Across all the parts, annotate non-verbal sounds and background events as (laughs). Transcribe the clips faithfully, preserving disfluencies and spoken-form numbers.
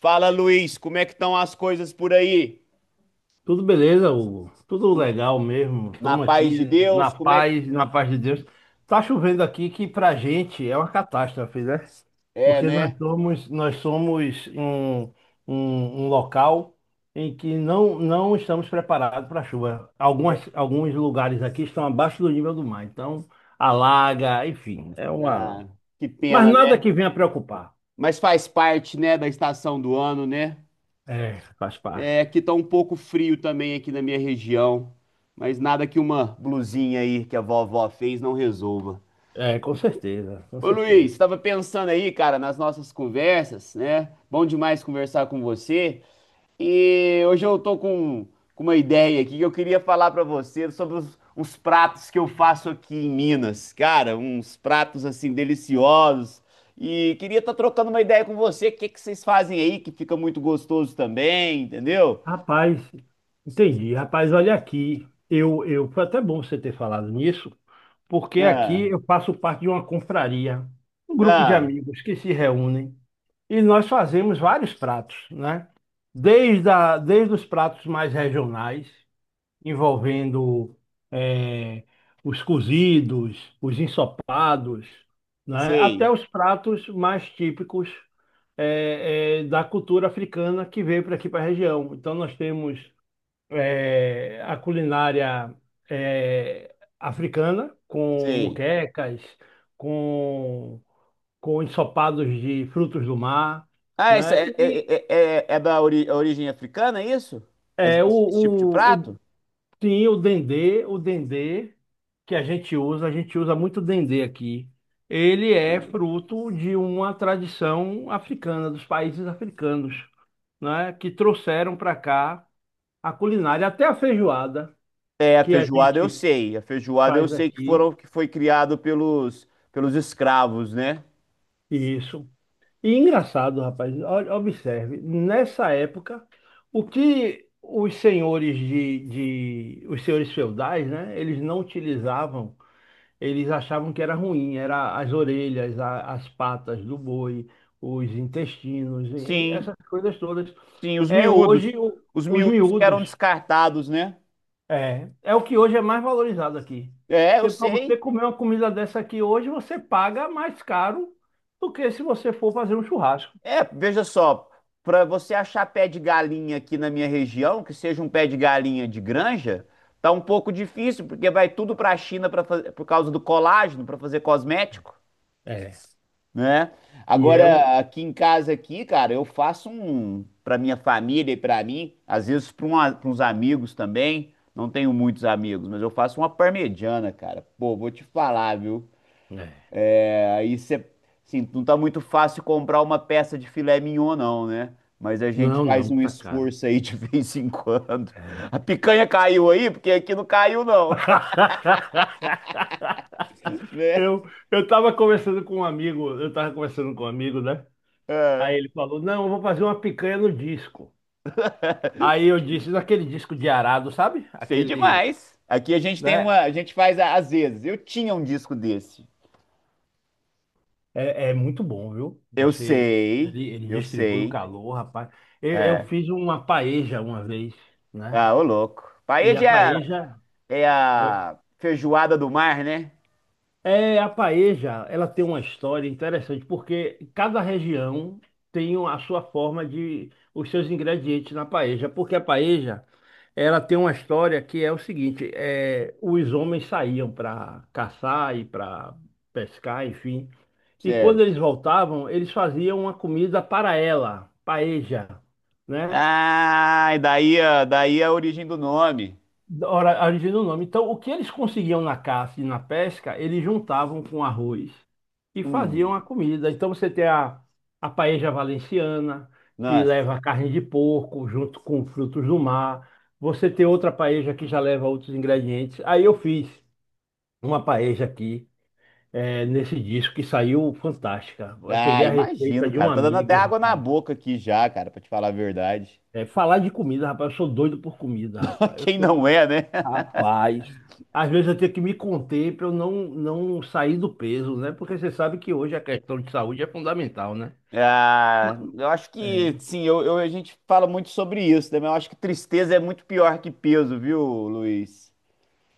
Fala, Luiz, como é que estão as coisas por aí? Tudo beleza, Hugo? Tudo Tu- legal mesmo. Na Estamos paz de aqui na Deus, como é que... paz, na paz de Deus. Tá chovendo aqui que pra gente é uma catástrofe, né? É, Porque nós né? somos, nós somos um, um, um local em que não, não estamos preparados para chuva. É, Algumas, alguns lugares aqui estão abaixo do nível do mar, então alaga, enfim, é uma. ah, que Mas pena, né? nada que venha preocupar. Mas faz parte, né, da estação do ano, né? É, faz É parte. que tá um pouco frio também aqui na minha região, mas nada que uma blusinha aí que a vovó fez não resolva. É, com certeza, com Ô, Luiz, certeza. estava pensando aí, cara, nas nossas conversas, né? Bom demais conversar com você. E hoje eu tô com, com uma ideia aqui que eu queria falar pra você sobre os, uns pratos que eu faço aqui em Minas. Cara, uns pratos assim deliciosos. E queria estar trocando uma ideia com você. O que que vocês fazem aí que fica muito gostoso também, entendeu? Rapaz, entendi. Rapaz, olha aqui, eu, eu foi até bom você ter falado nisso, porque Ah, aqui eu faço parte de uma confraria, um grupo de ah, amigos que se reúnem e nós fazemos vários pratos, né? Desde, a, desde os pratos mais regionais envolvendo eh, os cozidos, os ensopados, né? sei, Até os pratos mais típicos eh, eh, da cultura africana que veio para aqui para a região. Então nós temos eh, a culinária eh, africana com sei. muquecas, com, com ensopados de frutos do mar, Ah, essa né? é, E é, é, é- é da ori- origem africana, é isso? Esse, eh, esse tipo de o, o, prato? sim, o dendê, o dendê que a gente usa, a gente usa muito dendê aqui. Ele é fruto de uma tradição africana, dos países africanos, né, que trouxeram para cá a culinária, até a feijoada É, a que a feijoada eu gente sei. A feijoada eu faz sei que aqui, foram que foi criado pelos pelos escravos, né? isso. E engraçado, rapaz, olha, observe, nessa época, o que os senhores de, de, os senhores feudais, né, eles não utilizavam, eles achavam que era ruim, era as orelhas, a- as patas do boi, os intestinos, e Sim, essas coisas todas. sim, os É miúdos. hoje o- Os os miúdos que eram miúdos. descartados, né? É, é o que hoje é mais valorizado aqui. É, eu Você, para você sei. comer uma comida dessa aqui hoje, você paga mais caro do que se você for fazer um churrasco. É, veja só, para você achar pé de galinha aqui na minha região, que seja um pé de galinha de granja, tá um pouco difícil, porque vai tudo para a China pra, fa- por causa do colágeno, para fazer cosmético. É. Né? E é Agora, um. aqui em casa aqui, cara, eu faço um para minha família e para mim, às vezes para uns amigos também. Não tenho muitos amigos, mas eu faço uma parmegiana, cara. Pô, vou te falar, viu? É. Aí você, assim, não tá muito fácil comprar uma peça de filé mignon, não, né? Mas a gente Não, faz não, um tá caro. esforço aí de (laughs) vez em quando. É. A picanha caiu aí, porque aqui não caiu, não, (laughs) (laughs) né? Eu, eu tava conversando com um amigo, eu tava conversando com um amigo, né? Aí É, ele falou, não, eu vou fazer uma picanha no disco. Aí eu disse, naquele disco de arado, sabe? sei Aquele, demais. Aqui a gente tem uma, né? a gente faz a- às vezes. Eu tinha um disco desse. É, é muito bom, viu? Eu Você, sei, ele, ele eu distribui o sei. calor, rapaz. Eu, eu É. fiz uma paeja uma vez, né? Ah, ô louco. E a Paella paeja, é a feijoada do mar, né? é, a paeja, ela tem uma história interessante, porque cada região tem a sua forma de, os seus ingredientes na paeja, porque a paeja, ela tem uma história que é o seguinte, é, os homens saíam para caçar e para pescar, enfim, e quando Certo. eles voltavam, eles faziam uma comida para ela, paeja, né? Ah, e daí, a- daí é a origem do nome. da hora- a origem do nome. Então, o que eles conseguiam na caça e na pesca, eles juntavam com arroz e faziam Hum, a comida. Então, você tem a, a paella valenciana, que nossa. leva carne de porco junto com frutos do mar. Você tem outra paella que já leva outros ingredientes. Aí eu fiz uma paella aqui, eh, nesse disco, que saiu fantástica. Eu Ah, peguei a receita imagino, de um cara. Tá dando até amigo, água na rapaz. boca aqui já, cara, pra te falar a verdade. Eh, falar de comida, rapaz, eu sou doido por comida, (laughs) rapaz. Eu Quem não sou. é, né? Rapaz, às vezes eu tenho que me conter para eu não, não sair do peso, né? Porque você sabe que hoje a questão de saúde é fundamental, né? Ma- Ah, eu acho É. que, sim, eu, eu- a gente fala muito sobre isso, né? Mas eu acho que tristeza é muito pior que peso, viu, Luiz?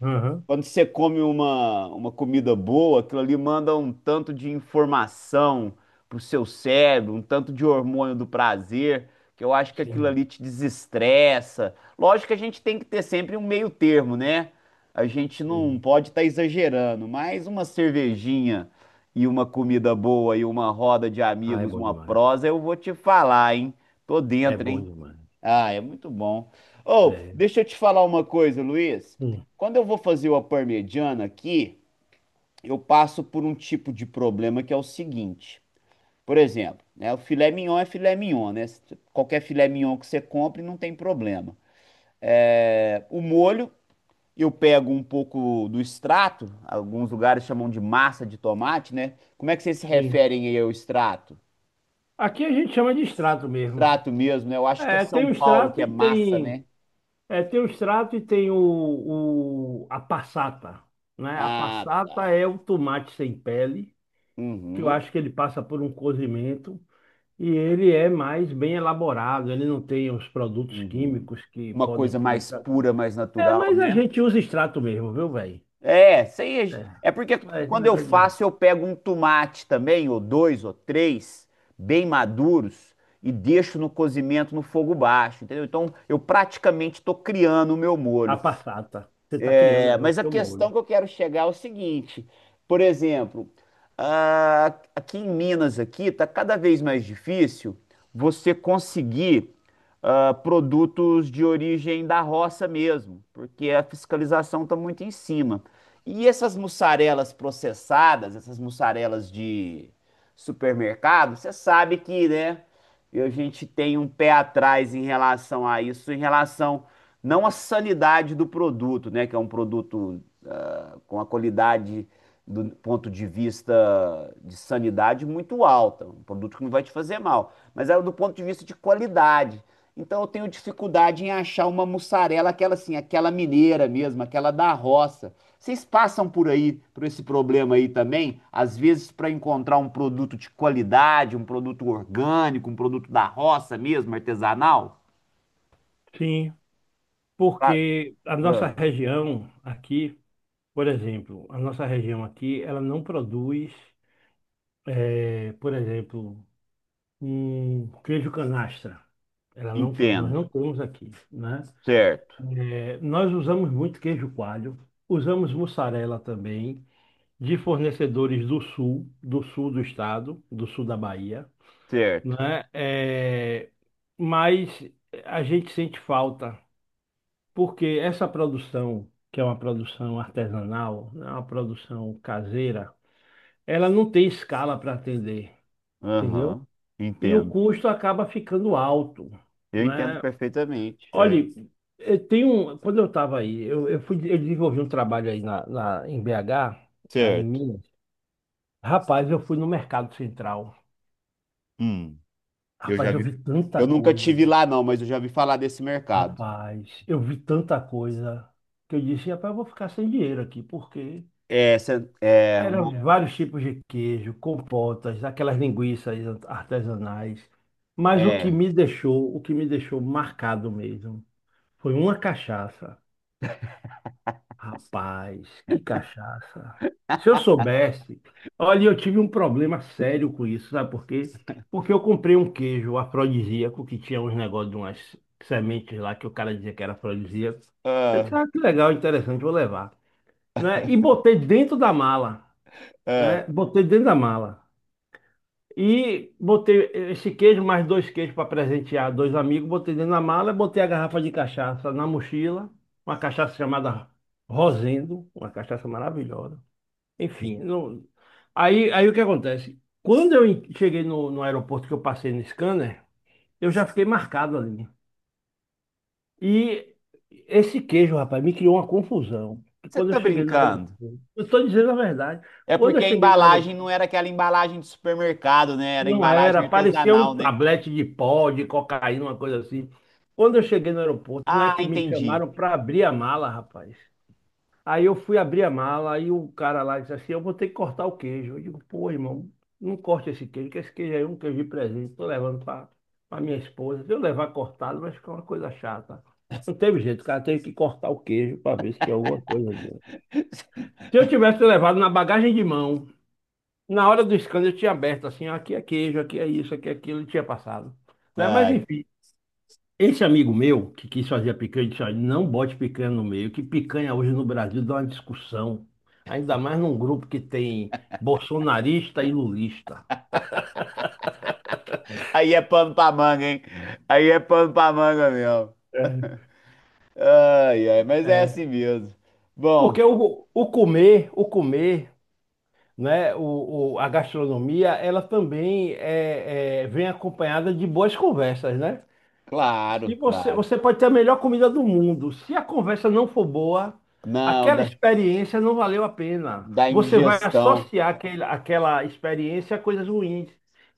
Aham, Quando você come uma, uma comida boa, aquilo ali manda um tanto de informação pro seu cérebro, um tanto de hormônio do prazer, que eu acho que aquilo sim, ali te desestressa. Lógico que a gente tem que ter sempre um meio termo, né? A gente não sim. pode estar exagerando, mas uma cervejinha e uma comida boa e uma roda de Ah, é amigos, bom uma demais. prosa, eu vou te falar, hein? Tô É dentro, bom hein? demais. Ah, é muito bom. Ou, É. deixa eu te falar uma coisa, Luiz. Hum, Quando eu vou fazer uma parmegiana aqui, eu passo por um tipo de problema que é o seguinte. Por exemplo, né, o filé mignon é filé mignon, né? Qualquer filé mignon que você compre, não tem problema. É, o molho, eu pego um pouco do extrato, alguns lugares chamam de massa de tomate, né? Como é que vocês se sim. referem aí ao extrato? Aqui a gente chama de extrato mesmo. Extrato mesmo, né? Eu acho que é É, tem São o Paulo extrato que é e massa, tem. né? É, tem o extrato e tem o, o- a passata, né? A Ah, passata tá. é o tomate sem pele, que eu Uhum. acho que ele passa por um cozimento. E ele é mais bem elaborado, ele não tem os produtos Uhum. químicos que Uma podem coisa ter no mais extrato. pura, mais É, natural, mas a né? gente usa extrato mesmo, viu, velho? É, isso aí É, é, é porque é esse quando eu negócio de faço, eu pego um tomate também, ou dois, ou três, bem maduros, e deixo no cozimento no fogo baixo, entendeu? Então eu praticamente estou criando o meu a molho. passata. Você está criando É, aí o mas a seu questão molho. que eu quero chegar é o seguinte, por exemplo, a- aqui em Minas aqui tá cada vez mais difícil você conseguir ah, produtos de origem da roça mesmo, porque a fiscalização está muito em cima. E essas mussarelas processadas, essas mussarelas de supermercado, você sabe que, né, a gente tem um pé atrás em relação a isso, em relação não a sanidade do produto, né? Que é um produto ah, com a qualidade do ponto de vista de sanidade muito alta, um produto que não vai te fazer mal, mas é do ponto de vista de qualidade. Então eu tenho dificuldade em achar uma mussarela, aquela assim, aquela mineira mesmo, aquela da roça. Vocês passam por aí, por esse problema aí também? Às vezes para encontrar um produto de qualidade, um produto orgânico, um produto da roça mesmo, artesanal? Sim, Ah, porque a nossa ah, região aqui, por exemplo, a nossa região aqui, ela não produz, é, por exemplo, um queijo canastra. Ela não, nós entendo. não temos aqui, né? Certo, É, nós usamos muito queijo coalho, usamos mussarela também, de fornecedores do sul, do sul do estado, do sul da Bahia, certo. né? É, É, mas a gente sente falta, porque essa produção, que é uma produção artesanal, né, uma produção caseira, ela não tem escala para atender, entendeu? Aham, E o entendo. custo acaba ficando alto, Eu entendo né? perfeitamente. É, Olhe, eu tenho, quando eu estava aí, eu, eu fui, eu desenvolvi um trabalho aí na, na- em B H, aí em certo. Minas. Rapaz, eu fui no Mercado Central. Hum, eu Rapaz, já eu vi. vi tanta Eu nunca coisa. tive lá, não, mas eu já vi falar desse mercado. Rapaz, eu vi tanta coisa que eu disse, rapaz, eu vou ficar sem dinheiro aqui, porque É, cê- é eram uma. vários tipos de queijo, compotas, aquelas linguiças artesanais. Mas o que É. me deixou, o que me deixou marcado mesmo, foi uma cachaça. Rapaz, que cachaça. Se eu soubesse, olha, eu tive um problema sério com isso, sabe por quê? Porque eu comprei um queijo afrodisíaco que tinha uns negócios de umas sementes lá que o cara dizia que era afrodisíaco. Eu Ah, disse, ah, que legal, interessante, vou levar, né? E botei dentro da mala, ah. né? Botei dentro da mala. E botei esse queijo, mais dois queijos para presentear dois amigos. Botei dentro da mala, botei a garrafa de cachaça na mochila. Uma cachaça chamada Rosendo, uma cachaça maravilhosa. Enfim, não- aí, aí o que acontece? Quando eu en- cheguei no, no aeroporto que eu passei no scanner, eu já fiquei marcado ali. E esse queijo, rapaz, me criou uma confusão. Você Quando eu tá cheguei no brincando? aeroporto, eu estou dizendo a verdade. É Quando eu porque a cheguei no embalagem aeroporto, não era aquela embalagem de supermercado, né? Era não era, embalagem parecia um artesanal, né? tablete de pó, de cocaína, uma coisa assim. Quando eu cheguei no aeroporto, não é Ah, que me entendi. chamaram para abrir a mala, rapaz. Aí eu fui abrir a mala, aí o cara lá disse assim: eu vou ter que cortar o queijo. Eu digo: pô, irmão, não corte esse queijo, que esse queijo aí é um queijo de presente. Tô levando para minha esposa. Se eu levar cortado, vai ficar uma coisa chata. Não teve jeito, o cara teve que cortar o queijo para ver se tinha alguma coisa dentro. (laughs) Se eu tivesse levado na bagagem de mão, na hora do escândalo eu tinha aberto assim, ó, aqui é queijo, aqui é isso, aqui é aquilo, e tinha passado. Né? Mas Ai, enfim, esse amigo meu que quis fazer a picanha, disse, olha, não bote picanha no meio, que picanha hoje no Brasil dá uma discussão. Ainda mais num grupo que tem bolsonarista e lulista. aí é pano pra manga, hein? Aí é pano pra manga mesmo. É, Ai, ai, mas é é. assim mesmo. Bom. Porque o, o comer, o comer, né, o, o- a gastronomia, ela também é, é, vem acompanhada de boas conversas, né? Se Claro, você, claro. você pode ter a melhor comida do mundo. Se a conversa não for boa, Não, aquela da, experiência não valeu a pena. da Você vai indigestão. associar aquele, aquela experiência a coisas ruins,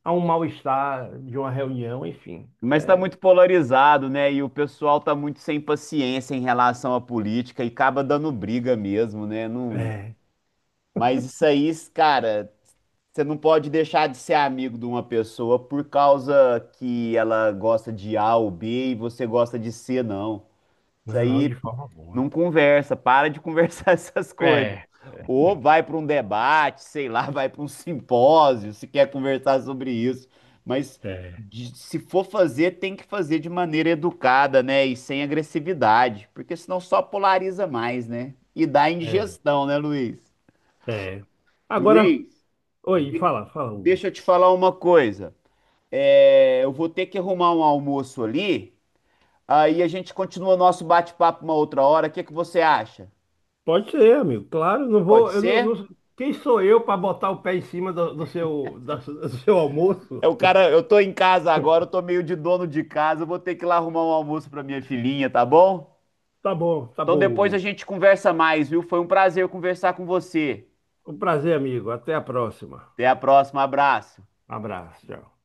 a um mal-estar de uma reunião, enfim. Mas está É, muito polarizado, né? E o pessoal tá muito sem paciência em relação à política e acaba dando briga mesmo, né? Não... é, Mas isso aí, cara, você não pode deixar de ser amigo de uma pessoa por causa que ela gosta de A ou B e você gosta de C, não. Isso não, aí de forma não boa. conversa, para de conversar (laughs) essas coisas. É, Ou vai para um debate, sei lá, (laughs) vai para um simpósio, se quer conversar sobre isso. Mas é, de- se for fazer, tem que fazer de maneira educada, né? E sem agressividade, porque senão só polariza mais, né? E dá é, indigestão, né, Luiz? é. Agora, Luiz, oi, de- fala, fala, Hugo. deixa eu te falar uma coisa. É, eu vou ter que arrumar um almoço ali, aí a gente continua nosso bate-papo uma outra hora. O que que você acha? Pode ser, amigo, claro, não Pode vou, eu não, ser? não- quem sou eu para botar o pé em cima do, do seu, da- do seu almoço? É o cara, eu tô em casa agora, eu tô meio de dono de casa, eu vou ter que ir lá arrumar um almoço pra minha filhinha, tá bom? Tá bom, tá Então bom, depois a Hugo. gente conversa mais, viu? Foi um prazer conversar com você. Um prazer, amigo. Até a próxima. Até a próxima, abraço. Abraço, tchau.